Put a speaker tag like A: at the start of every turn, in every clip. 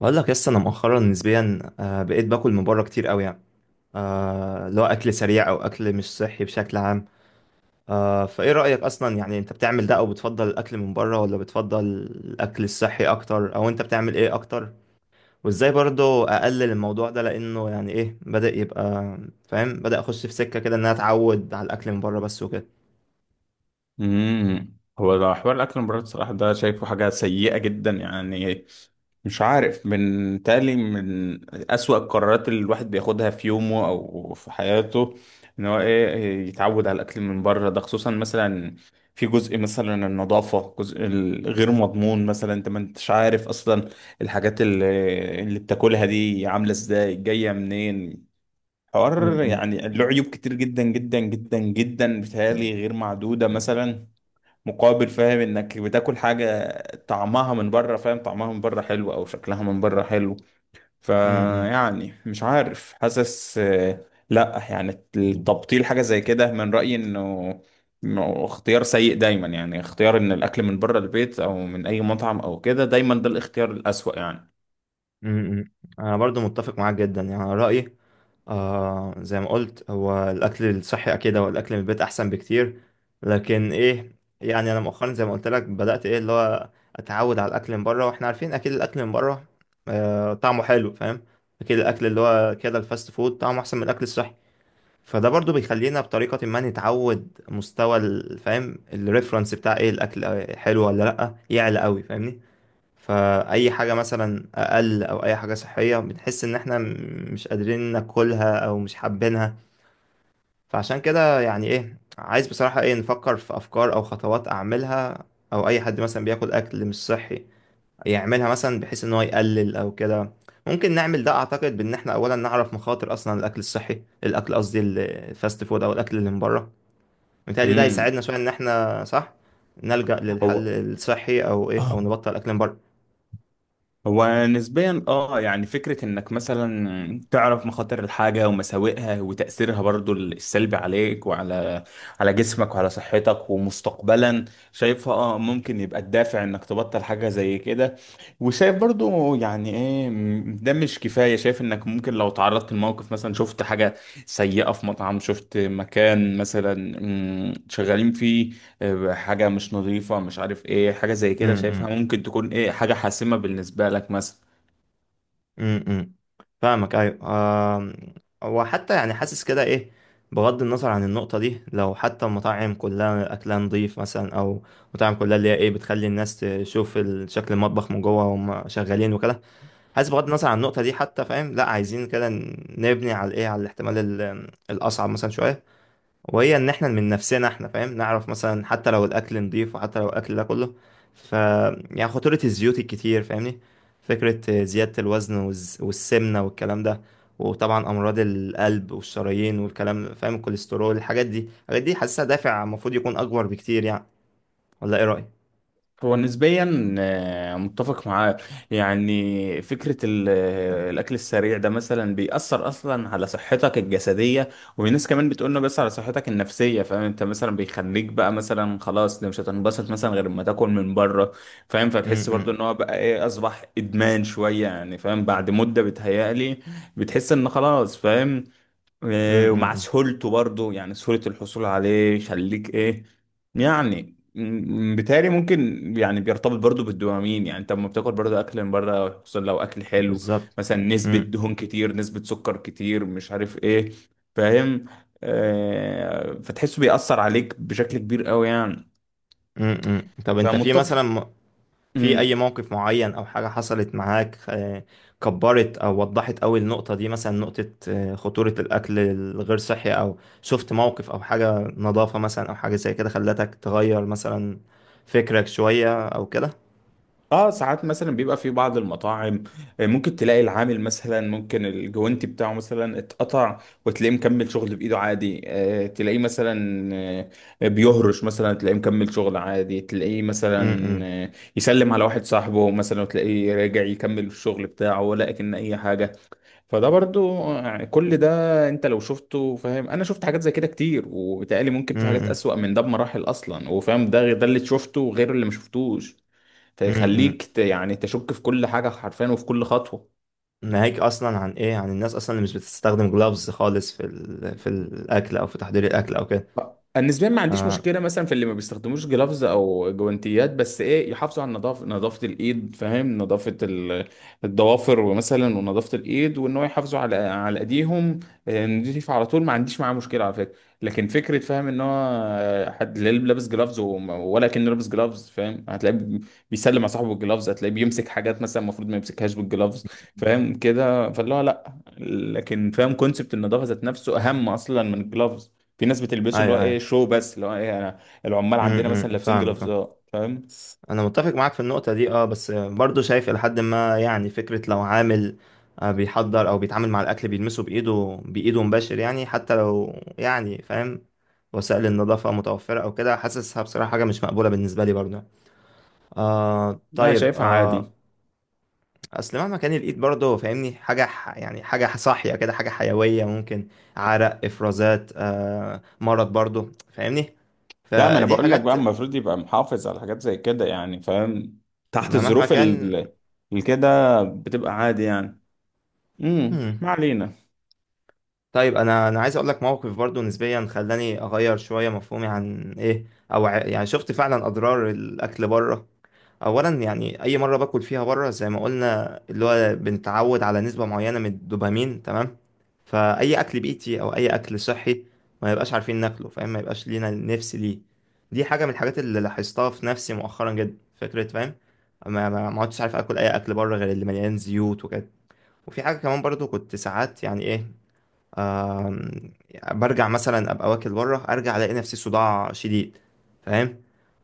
A: بقول لك لسه انا مؤخرا نسبيا، بقيت باكل من بره كتير قوي يعني. اللي هو اكل سريع او اكل مش صحي بشكل عام. فايه رايك اصلا؟ يعني انت بتعمل ده او بتفضل الاكل من بره ولا بتفضل الاكل الصحي اكتر، او انت بتعمل ايه اكتر؟ وازاي برضو اقلل الموضوع ده؟ لانه يعني ايه، بدأ يبقى فاهم، بدأ اخش في سكه كده ان انا اتعود على الاكل من بره بس وكده.
B: هو ده حوار الاكل من بره الصراحه ده شايفه حاجه سيئه جدا يعني. مش عارف من اسوأ القرارات اللي الواحد بياخدها في يومه او في حياته، ان هو ايه يتعود على الاكل من بره ده. خصوصا مثلا في جزء مثلا النظافه، جزء الغير مضمون مثلا، انت ما انتش عارف اصلا الحاجات اللي بتاكلها دي عامله ازاي، جايه منين. حوار
A: م.
B: يعني له عيوب كتير جدا جدا جدا جدا بتهيألي غير معدوده مثلا، مقابل فاهم انك بتاكل حاجة طعمها من بره، فاهم طعمها من بره حلو او شكلها من بره حلو.
A: م- م-
B: فيعني مش عارف، حاسس آه، لا يعني التبطيل حاجة زي كده من رأيي انه إنه اختيار سيء دايما. يعني اختيار ان الاكل من بره البيت او من اي مطعم او كده دايما ده الاختيار الأسوأ يعني.
A: م. انا برضو متفق معاك جدا، يعني رأيي زي ما قلت، هو الأكل الصحي، أكيد هو الأكل من البيت أحسن بكتير. لكن إيه، يعني أنا مؤخرا زي ما قلت لك بدأت إيه اللي هو أتعود على الأكل من بره، وإحنا عارفين أكيد الأكل من بره طعمه حلو فاهم. أكيد الأكل اللي هو كده الفاست فود طعمه أحسن من الأكل الصحي. فده برضو بيخلينا بطريقة ما نتعود مستوى فاهم الريفرنس بتاع إيه الأكل حلو ولا لأ يعلى قوي فاهمني. فأي حاجة مثلا أقل أو أي حاجة صحية بنحس إن إحنا مش قادرين ناكلها أو مش حابينها. فعشان كده يعني إيه، عايز بصراحة إيه نفكر في أفكار أو خطوات أعملها، أو أي حد مثلا بياكل أكل مش صحي يعملها، مثلا بحيث إن هو يقلل أو كده. ممكن نعمل ده، أعتقد بإن إحنا أولا نعرف مخاطر أصلا الأكل الصحي، الأكل قصدي الفاست فود أو الأكل اللي من بره. متهيألي ده
B: امم
A: هيساعدنا شوية إن إحنا صح نلجأ
B: هو
A: للحل الصحي أو إيه أو نبطل أكل من بره.
B: هو نسبيا اه، يعني فكرة انك مثلا تعرف مخاطر الحاجة ومساوئها وتأثيرها برضو السلبي عليك، وعلى جسمك وعلى صحتك ومستقبلا، شايفها اه ممكن يبقى الدافع انك تبطل حاجة زي كده. وشايف برضو يعني ايه، ده مش كفاية. شايف انك ممكن لو تعرضت لموقف، مثلا شفت حاجة سيئة في مطعم، شفت مكان مثلا، شغالين فيه آه، حاجة مش نظيفة، مش عارف ايه، حاجة زي
A: م-
B: كده شايفها
A: م.
B: ممكن تكون ايه، حاجة حاسمة بالنسبة لك مثلا.
A: امم امم. فاهمك، ايوه. آم، هو حتى يعني حاسس كده ايه، بغض النظر عن النقطة دي، لو حتى المطاعم كلها أكلها نضيف مثلا، أو مطاعم كلها اللي هي إيه بتخلي الناس تشوف شكل المطبخ من جوه وهم شغالين وكده. حاسس بغض النظر عن النقطة دي حتى فاهم لأ، عايزين كده نبني على إيه، على الاحتمال الأصعب مثلا شوية، وهي ان احنا من نفسنا احنا فاهم نعرف مثلا حتى لو الاكل نضيف وحتى لو الاكل ده كله، ف يعني خطورة الزيوت الكتير فاهمني، فكرة زيادة الوزن والسمنة والكلام ده، وطبعا امراض القلب والشرايين والكلام فاهم، الكوليسترول، الحاجات دي الحاجات دي حاسسها دافع المفروض يكون اكبر بكتير يعني. ولا ايه رأيك؟
B: هو نسبيا آه، متفق معاه. يعني فكرة الأكل السريع ده مثلا بيأثر أصلا على صحتك الجسدية، والناس كمان بتقولنا بس على صحتك النفسية، فاهم؟ انت مثلا بيخليك بقى مثلا خلاص ده مش هتنبسط مثلا غير ما تاكل من بره، فاهم؟
A: م-
B: فتحس برضو
A: م-
B: ان هو بقى ايه، أصبح إدمان شوية يعني، فاهم؟ بعد مدة بتهيألي بتحس ان خلاص فاهم. إيه، ومع
A: م.
B: سهولته برضو، يعني سهولة الحصول عليه، يخليك ايه، يعني بالتالي ممكن يعني بيرتبط برضو بالدوبامين. يعني انت لما بتاكل برضو اكل من بره، خصوصا لو اكل حلو
A: بالظبط.
B: مثلا، نسبة
A: م-
B: دهون كتير، نسبة سكر كتير، مش عارف ايه، فاهم؟ آه، فتحسه بيأثر عليك بشكل كبير قوي يعني.
A: م. طب انت في
B: فمتفق.
A: مثلا في أي موقف معين أو حاجة حصلت معاك، كبرت أو وضحت أوي النقطة دي مثلا، نقطة خطورة الأكل الغير صحي، أو شفت موقف أو حاجة نظافة مثلا أو حاجة زي كده خلتك تغير مثلا، فكرك شوية أو كده؟
B: اه ساعات مثلا بيبقى في بعض المطاعم آه، ممكن تلاقي العامل مثلا ممكن الجوانتي بتاعه مثلا اتقطع، وتلاقيه مكمل شغل بايده عادي. آه، تلاقيه مثلا آه، بيهرش مثلا، تلاقيه مكمل شغل عادي، تلاقيه
A: امم،
B: مثلا
A: امم،
B: آه، يسلم على واحد صاحبه مثلا، وتلاقيه راجع يكمل الشغل بتاعه ولا اكن اي حاجة. فده برضو آه، كل ده انت لو شفته فاهم. انا شفت حاجات زي كده كتير، وبالتالي ممكن في حاجات
A: امم.
B: اسوأ من ده بمراحل اصلا، وفاهم ده اللي شفته غير اللي ما شفتوش،
A: إمم، إمم، إمم.
B: تخليك يعني تشك في كل حاجة حرفيا وفي كل خطوة.
A: ناهيك أصلا عن إيه، عن الناس أصلا اللي مش بتستخدم جلافز خالص في الأكل أو في تحضير الأكل أو كده.
B: النسبيا ما عنديش
A: آه.
B: مشكله مثلا في اللي ما بيستخدموش جلافز او جوانتيات، بس ايه، يحافظوا على النظافه، نظافه الايد، فاهم؟ نظافه الضوافر ومثلا ونظافه الايد، وان هو يحافظوا على ايديهم آه، نضيف على طول. ما عنديش معاه مشكله على فكره. لكن فكره فاهم ان هو آه، حد لا لابس جلافز ولا كان لابس جلافز، فاهم؟ هتلاقيه بيسلم على صاحبه بالجلافز، هتلاقيه بيمسك حاجات مثلا المفروض ما يمسكهاش بالجلافز، فاهم كده؟ فاللي هو لا، لكن فاهم كونسبت النظافه ذات نفسه اهم اصلا من الجلافز. في ناس بتلبسه اللي هو
A: أيوه،
B: ايه
A: أيوه.
B: شو، بس اللي هو ايه، انا العمال عندنا
A: امم،
B: مثلا لابسين
A: فاهم، فاهم.
B: جلافزات فاهم.
A: انا متفق معاك في النقطة دي، بس برضو شايف الى حد ما، يعني فكرة لو عامل بيحضر او بيتعامل مع الاكل بيلمسه بايده، بايده مباشر، يعني حتى لو يعني فاهم وسائل النظافة متوفرة او كده، حاسسها بصراحة حاجة مش مقبولة بالنسبة لي برضو. آه.
B: لا
A: طيب.
B: شايفها
A: آه.
B: عادي.
A: اصل مهما كان الايد برضو فاهمني حاجة يعني حاجة صاحية كده، حاجة حيوية ممكن عرق، افرازات، مرض برضو فاهمني،
B: لا، ما انا
A: فدي
B: بقول لك
A: حاجات
B: بقى المفروض يبقى محافظ على حاجات زي كده يعني فاهم. تحت
A: ما مهما
B: الظروف
A: كان.
B: كده بتبقى عادي يعني. امم، ما علينا.
A: طيب انا عايز اقول لك موقف برضو نسبيا خلاني اغير شويه مفهومي عن ايه، او يعني شفت فعلا اضرار الاكل بره. اولا يعني اي مره باكل فيها بره زي ما قلنا اللي هو بنتعود على نسبه معينه من الدوبامين تمام، فاي اكل بيتي او اي اكل صحي ما يبقاش عارفين ناكله فاهم، ما يبقاش لينا نفس ليه. دي حاجه من الحاجات اللي لاحظتها في نفسي مؤخرا جدا، فكره فاهم ما عدتش عارف اكل اي اكل بره غير اللي مليان زيوت وكده. وفي حاجه كمان برضو، كنت ساعات يعني ايه، آم، برجع مثلا ابقى واكل بره، ارجع الاقي نفسي صداع شديد فاهم.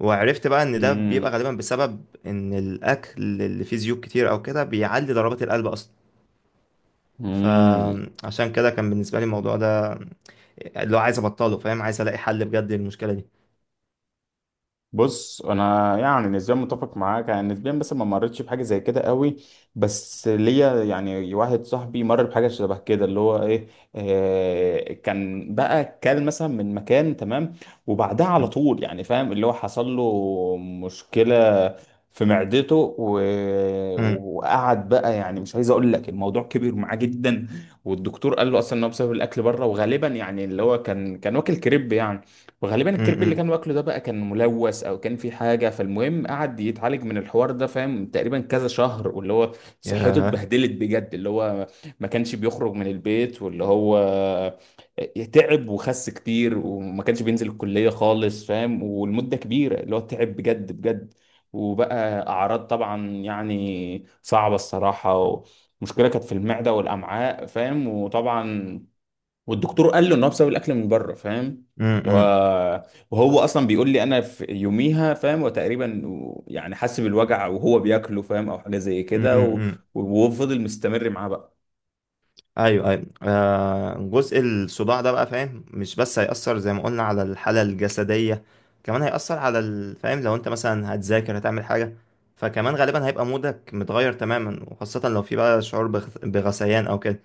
A: وعرفت بقى ان ده بيبقى غالبا بسبب ان الاكل اللي فيه زيوت كتير او كده بيعلي ضربات القلب اصلا.
B: امم.
A: فعشان كده كان بالنسبه لي الموضوع ده اللي هو عايز ابطله فاهم، عايز الاقي حل بجد للمشكله دي.
B: بص انا يعني نسبيا متفق معاك يعني نسبيا، بس ما مرتش بحاجه زي كده قوي، بس ليا يعني واحد صاحبي مر بحاجه شبه كده. اللي هو ايه، آه، كان بقى كل مثلا من مكان تمام، وبعدها على طول يعني فاهم اللي هو حصل له مشكله في معدته و...
A: امم.
B: وقعد بقى يعني مش عايز اقول لك، الموضوع كبر معاه جدا. والدكتور قال له اصلا ان هو بسبب الاكل بره، وغالبا يعني اللي هو كان واكل كريب يعني، وغالبا الكرب اللي
A: امم.
B: كان واكله ده بقى كان ملوث او كان في حاجه. فالمهم قعد يتعالج من الحوار ده، فاهم؟ تقريبا كذا شهر، واللي هو صحته
A: ياه.
B: اتبهدلت بجد. اللي هو ما كانش بيخرج من البيت، واللي هو تعب وخس كتير، وما كانش بينزل الكليه خالص، فاهم؟ والمده كبيره اللي هو تعب بجد بجد. وبقى اعراض طبعا يعني صعبه الصراحه، مشكلة كانت في المعدة والأمعاء فاهم، وطبعا والدكتور قال له ان هو بسبب الاكل من بره، فاهم؟ اللي هو وهو اصلا بيقول لي انا في يوميها، فاهم؟ وتقريبا يعني حس بالوجع وهو بياكله، فاهم؟ او حاجه زي كده،
A: امم.
B: وهو فضل مستمر معاه بقى.
A: ايوه، ايوه. جزء الصداع ده بقى فاهم، مش بس هيأثر زي ما قلنا على الحالة الجسدية، كمان هيأثر على فاهم لو انت مثلا هتذاكر، هتعمل حاجة، فكمان غالبا هيبقى مودك متغير تماما، وخاصة لو في بقى شعور بغثيان او كده.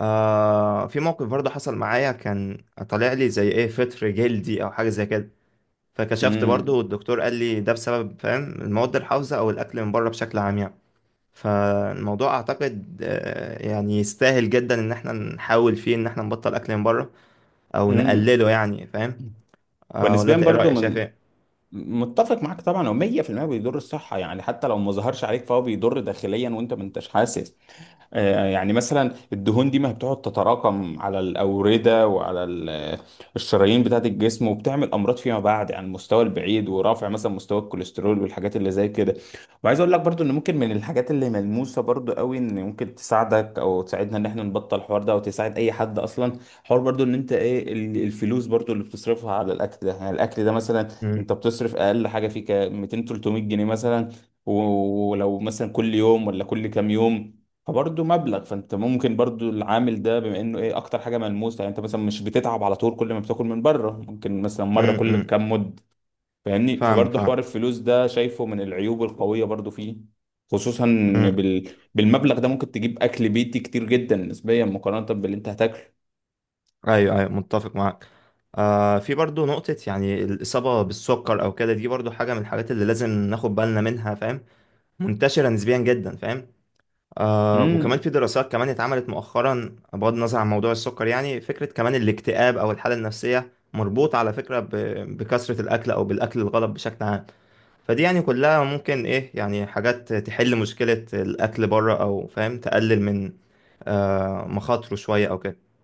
A: في موقف برضه حصل معايا، كان طالع لي زي ايه فطر جلدي او حاجة زي كده، فكشفت برضه
B: امم،
A: والدكتور قال لي ده بسبب فاهم المواد الحافظة او الاكل من بره بشكل عام يعني. فالموضوع اعتقد يعني يستاهل جدا ان احنا نحاول فيه، ان احنا نبطل اكل من بره او
B: امم.
A: نقلله يعني فاهم. ولا
B: ونسبيا
A: انت ايه
B: برضو
A: رأيك؟ شايف
B: من،
A: ايه؟
B: متفق معاك طبعا. هو 100% بيضر الصحه يعني، حتى لو ما ظهرش عليك فهو بيضر داخليا وانت ما انتش حاسس. آه، يعني مثلا الدهون دي ما بتقعد تتراكم على الأوردة وعلى الشرايين بتاعة الجسم، وبتعمل أمراض فيما بعد عن المستوى البعيد، ورفع مثلا مستوى الكوليسترول والحاجات اللي زي كده. وعايز أقول لك برضو إن ممكن من الحاجات اللي ملموسة برضو قوي، إن ممكن تساعدك أو تساعدنا إن إحنا نبطل الحوار ده، أو تساعد أي حد أصلا، حوار برضو إن أنت إيه الفلوس برضو اللي بتصرفها على الأكل ده. يعني الأكل ده مثلا
A: امم،
B: أنت بتصرف أقل حاجة فيه 200 300 جنيه مثلا، ولو مثلا كل يوم ولا كل كام يوم، فبرضه مبلغ. فانت ممكن برضه العامل ده، بما انه ايه اكتر حاجه ملموسه، يعني انت مثلا مش بتتعب على طول كل ما بتاكل من بره، ممكن مثلا مره كل
A: امم.
B: كام مد، فاهمني؟
A: فاهمك،
B: فبرضه حوار
A: فاهم.
B: الفلوس ده شايفه من العيوب القويه برضه فيه، خصوصا إن
A: امم.
B: بالمبلغ ده ممكن تجيب اكل بيتي كتير جدا نسبيا مقارنه باللي انت هتاكله.
A: ايوه، ايوه، متفق معاك. في برضو نقطة، يعني الإصابة بالسكر أو كده، دي برضو حاجة من الحاجات اللي لازم ناخد بالنا منها فاهم، منتشرة نسبيا جدا فاهم. وكمان
B: مم.
A: في دراسات كمان اتعملت مؤخرا، بغض النظر عن موضوع السكر، يعني فكرة كمان الاكتئاب أو الحالة النفسية مربوط على فكرة بكثرة الأكل أو بالأكل الغلط بشكل عام. فدي يعني كلها ممكن إيه، يعني حاجات تحل مشكلة الأكل بره، أو فاهم تقلل من مخاطره شوية أو كده.